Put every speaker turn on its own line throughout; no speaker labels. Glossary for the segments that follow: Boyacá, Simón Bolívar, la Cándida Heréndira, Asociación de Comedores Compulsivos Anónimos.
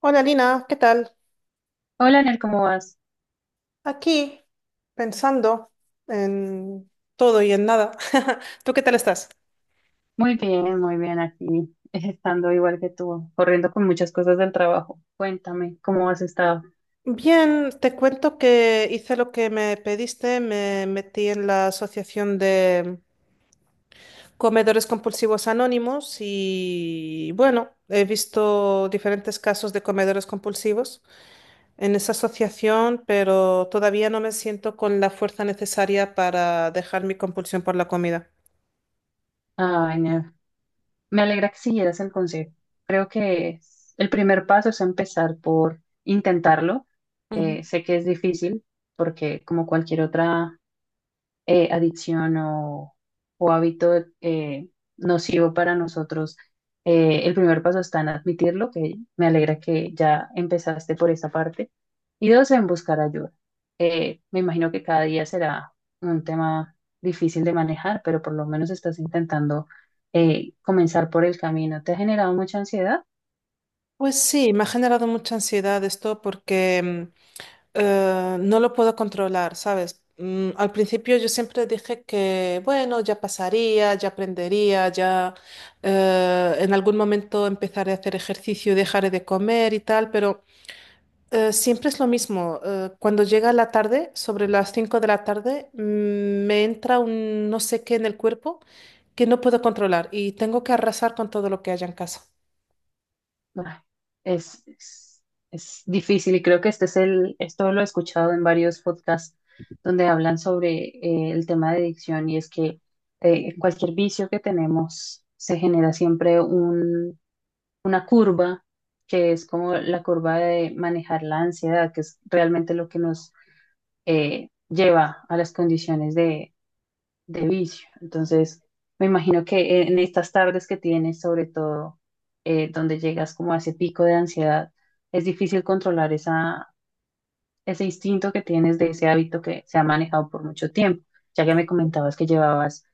Hola Lina, ¿qué tal?
Hola, Ner, ¿cómo vas?
Aquí pensando en todo y en nada. ¿Tú qué tal estás?
Muy bien aquí, estando igual que tú, corriendo con muchas cosas del trabajo. Cuéntame, ¿cómo has estado?
Bien, te cuento que hice lo que me pediste, me metí en la Asociación de Comedores Compulsivos Anónimos y bueno, he visto diferentes casos de comedores compulsivos en esa asociación, pero todavía no me siento con la fuerza necesaria para dejar mi compulsión por la comida.
Ay, Ner, me alegra que siguieras el consejo. Creo que el primer paso es empezar por intentarlo. Sé que es difícil porque como cualquier otra adicción o hábito nocivo para nosotros, el primer paso está en admitirlo, que me alegra que ya empezaste por esa parte, y dos, en buscar ayuda. Me imagino que cada día será un tema difícil de manejar, pero por lo menos estás intentando comenzar por el camino. ¿Te ha generado mucha ansiedad?
Pues sí, me ha generado mucha ansiedad esto porque no lo puedo controlar, ¿sabes? Al principio yo siempre dije que, bueno, ya pasaría, ya aprendería, ya en algún momento empezaré a hacer ejercicio, dejaré de comer y tal, pero siempre es lo mismo. Cuando llega la tarde, sobre las 5 de la tarde, me entra un no sé qué en el cuerpo que no puedo controlar y tengo que arrasar con todo lo que haya en casa.
Ay, Es, es, es difícil y creo que esto lo he escuchado en varios podcasts donde hablan sobre el tema de adicción y es que cualquier vicio que tenemos se genera una curva que es como la curva de manejar la ansiedad, que es realmente lo que nos lleva a las condiciones de vicio. Entonces, me imagino que en estas tardes que tienes, sobre todo, donde llegas como a ese pico de ansiedad, es difícil controlar ese instinto que tienes de ese hábito que se ha manejado por mucho tiempo, ya que me comentabas que llevabas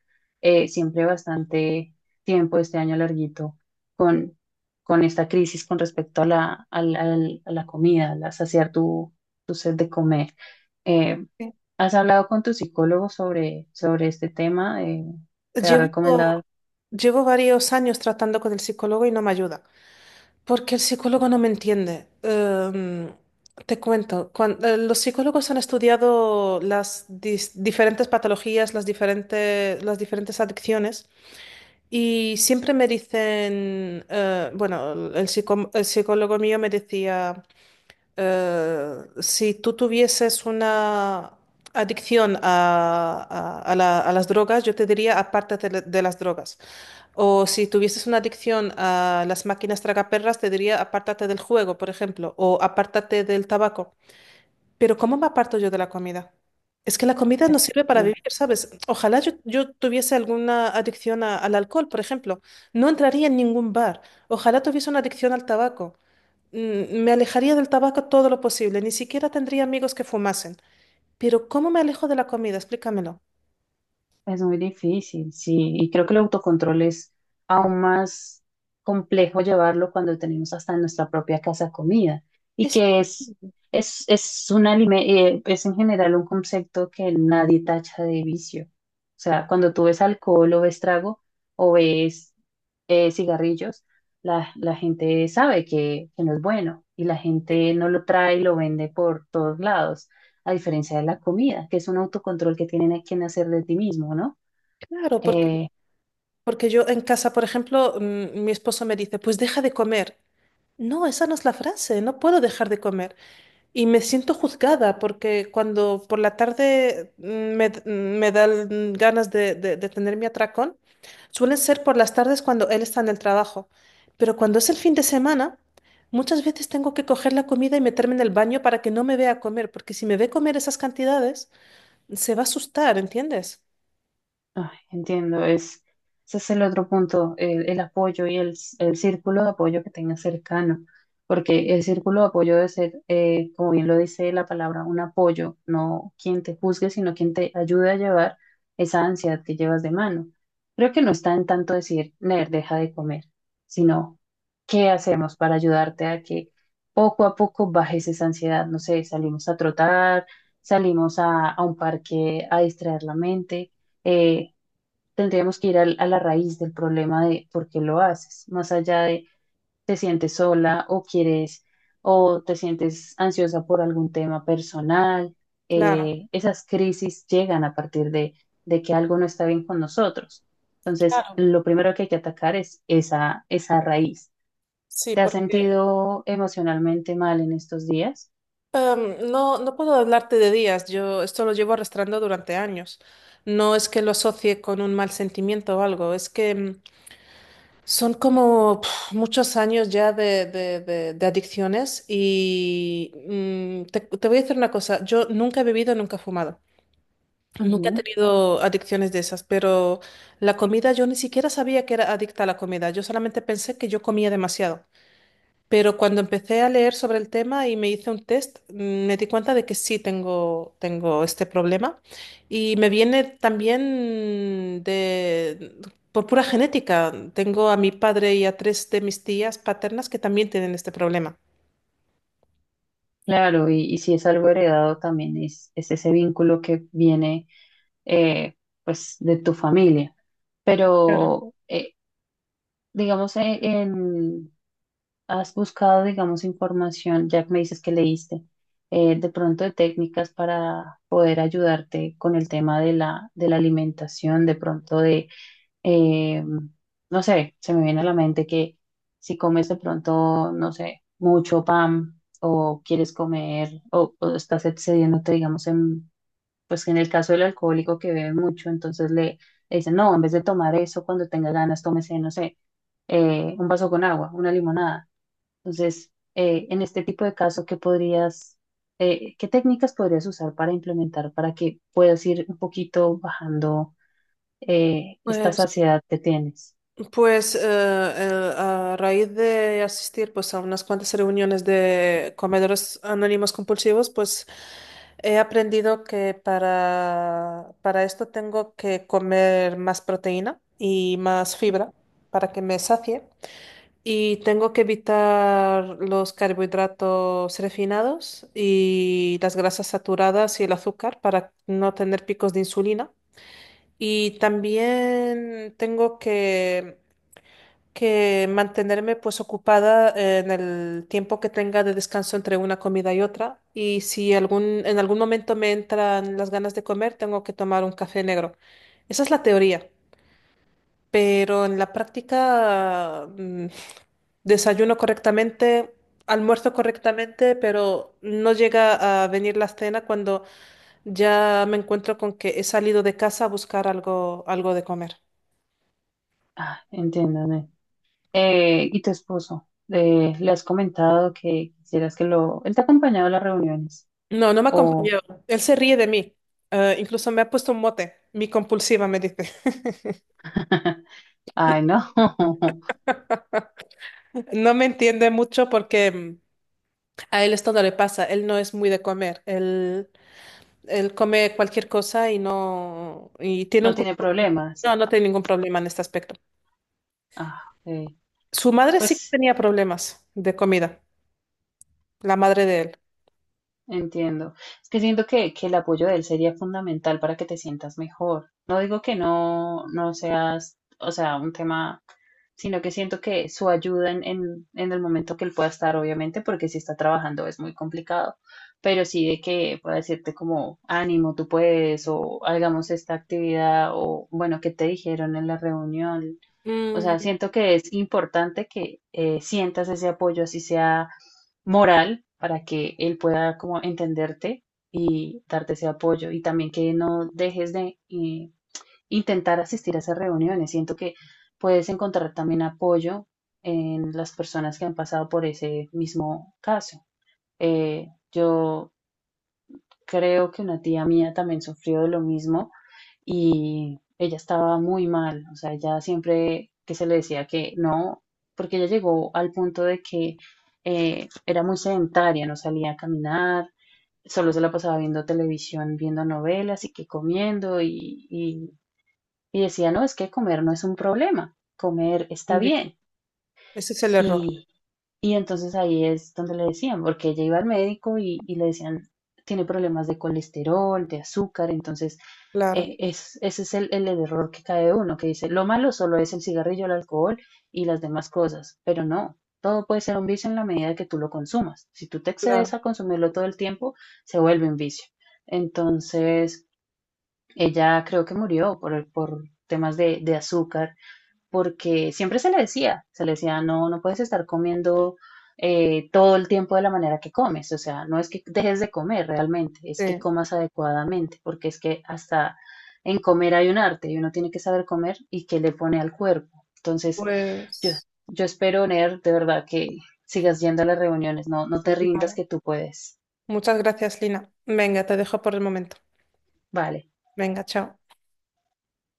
siempre bastante tiempo, este año larguito, con, con esta crisis con respecto a a la comida, a saciar tu sed de comer. Eh,
Sí.
¿Has hablado con tu psicólogo sobre este tema? ¿Te ha
Llevo,
recomendado?
Llevo varios años tratando con el psicólogo y no me ayuda, porque el psicólogo no me entiende. Te cuento, los psicólogos han estudiado las diferentes patologías, las diferentes adicciones y siempre me dicen, bueno, el psicólogo mío me decía... Eh, si tú tuvieses una adicción a las drogas, yo te diría aparte de las drogas. O si tuvieses una adicción a las máquinas tragaperras, te diría apártate del juego, por ejemplo, o apártate del tabaco. Pero ¿cómo me aparto yo de la comida? Es que la comida no sirve para
este,
vivir, ¿sabes? Ojalá yo tuviese alguna adicción al alcohol, por ejemplo. No entraría en ningún bar. Ojalá tuviese una adicción al tabaco. Me alejaría del tabaco todo lo posible, ni siquiera tendría amigos que fumasen. Pero ¿cómo me alejo de la comida? Explícamelo.
Es muy difícil, sí, y creo que el autocontrol es aún más complejo llevarlo cuando tenemos hasta en nuestra propia casa comida y
Es
es, un es en general un concepto que nadie tacha de vicio. O sea, cuando tú ves alcohol o ves trago o ves cigarrillos, la gente sabe que no es bueno y la gente no lo trae y lo vende por todos lados a diferencia de la comida, que es un autocontrol que tienen que hacer de ti mismo, ¿no?
claro,
Eh,
porque yo en casa, por ejemplo, mi esposo me dice, pues deja de comer. No, esa no es la frase, no puedo dejar de comer. Y me siento juzgada porque cuando por la tarde me dan ganas de tener mi atracón. Suelen ser por las tardes cuando él está en el trabajo, pero cuando es el fin de semana, muchas veces tengo que coger la comida y meterme en el baño para que no me vea comer, porque si me ve comer esas cantidades, se va a asustar, ¿entiendes?
Ah, entiendo, es, ese es el otro punto, el apoyo y el círculo de apoyo que tengas cercano, porque el círculo de apoyo debe ser, como bien lo dice la palabra, un apoyo, no quien te juzgue, sino quien te ayude a llevar esa ansiedad que llevas de mano. Creo que no está en tanto decir, Ner, deja de comer, sino qué hacemos para ayudarte a que poco a poco bajes esa ansiedad. No sé, salimos a trotar, salimos a un parque a distraer la mente. eh, Tendríamos que ir a la raíz del problema de por qué lo haces, más allá de te sientes sola o quieres o te sientes ansiosa por algún tema personal.
Claro,
Esas crisis llegan a partir de que algo no está bien con nosotros. Entonces,
claro,
lo primero que hay que atacar es esa raíz.
sí,
¿Te has
porque
sentido emocionalmente mal en estos días?
no, no puedo hablarte de días, yo esto lo llevo arrastrando durante años. No es que lo asocie con un mal sentimiento o algo, es que son como muchos años ya de adicciones y te voy a decir una cosa, yo nunca he bebido, nunca he fumado, nunca he
Ujú.
tenido adicciones de esas, pero la comida yo ni siquiera sabía que era adicta a la comida, yo solamente pensé que yo comía demasiado. Pero cuando empecé a leer sobre el tema y me hice un test, me di cuenta de que sí tengo este problema y me viene también por pura genética. Tengo a mi padre y a tres de mis tías paternas que también tienen este problema.
Claro, y si es algo heredado, también es ese vínculo que viene eh, pues de tu familia.
Claro.
Pero, digamos, has buscado, digamos, información, ya que me dices que leíste, de pronto de técnicas para poder ayudarte con el tema de de la alimentación, de pronto de, eh, no sé, se me viene a la mente que si comes de pronto, no sé, mucho pan o quieres comer o estás excediéndote, digamos, en pues en el caso del alcohólico que bebe mucho, entonces le dicen, no, en vez de tomar eso, cuando tenga ganas, tómese, no sé, un vaso con agua, una limonada. Entonces, en este tipo de caso, ¿qué podrías, qué técnicas podrías usar para implementar para que puedas ir un poquito bajando esta
Pues,
saciedad que tienes?
pues a raíz de asistir pues, a unas cuantas reuniones de comedores anónimos compulsivos, pues he aprendido que para esto tengo que comer más proteína y más fibra para que me sacie. Y tengo que evitar los carbohidratos refinados y las grasas saturadas y el azúcar para no tener picos de insulina. Y también tengo que mantenerme pues ocupada en el tiempo que tenga de descanso entre una comida y otra. Y si en algún momento me entran las ganas de comer, tengo que tomar un café negro. Esa es la teoría, pero en la práctica desayuno correctamente, almuerzo correctamente, pero no llega a venir la cena cuando ya me encuentro con que he salido de casa a buscar algo de comer.
Ah, entiéndame. ¿Y tu esposo? ¿Le has comentado que quisieras que lo... Él te ha acompañado a las reuniones?
No, no me
O...
acompañó. Él se ríe de mí. Incluso me ha puesto un mote. Mi compulsiva me dice.
Ay, no.
No me entiende mucho porque a él esto no le pasa. Él no es muy de comer. Él come cualquier cosa y no y tiene
No
un
tiene
cuerpo.
problemas.
No, no tiene ningún problema en este aspecto.
Ah, ok.
Su madre sí que
Pues
tenía problemas de comida. La madre de él.
entiendo. Es que siento que el apoyo de él sería fundamental para que te sientas mejor. No digo que no, no seas, o sea, un tema, sino que siento que su ayuda en el momento que él pueda estar, obviamente, porque si está trabajando es muy complicado, pero sí de que pueda decirte como, ánimo, tú puedes, o hagamos esta actividad, o bueno, ¿qué te dijeron en la reunión? O
Mm,
sea, siento que es importante que sientas ese apoyo, así sea moral, para que él pueda como entenderte y darte ese apoyo. Y también que no dejes de intentar asistir a esas reuniones. Siento que puedes encontrar también apoyo en las personas que han pasado por ese mismo caso. Yo creo que una tía mía también sufrió de lo mismo y ella estaba muy mal, o sea, ella siempre que se le decía que no, porque ella llegó al punto de que era muy sedentaria, no salía a caminar, solo se la pasaba viendo televisión, viendo novelas y que comiendo y decía, no, es que comer no es un problema, comer está
ya.
bien.
Ese es el error.
Y, y entonces ahí es donde le decían, porque ella iba al médico y le decían, tiene problemas de colesterol, de azúcar, entonces
Claro,
es, ese es el error que cae uno, que dice, lo malo solo es el cigarrillo, el alcohol y las demás cosas, pero no, todo puede ser un vicio en la medida que tú lo consumas. Si tú te excedes
claro.
a consumirlo todo el tiempo, se vuelve un vicio. Entonces, ella creo que murió por temas de azúcar porque siempre se le decía, no, no puedes estar comiendo todo el tiempo de la manera que comes, o sea, no es que dejes de comer realmente, es que
Sí.
comas adecuadamente, porque es que hasta en comer hay un arte y uno tiene que saber comer y qué le pone al cuerpo. Entonces, yo,
Pues.
yo espero, Ner, de verdad que sigas yendo a las reuniones, no, no te rindas
Claro.
que tú puedes.
Muchas gracias, Lina. Venga, te dejo por el momento.
Vale.
Venga, chao.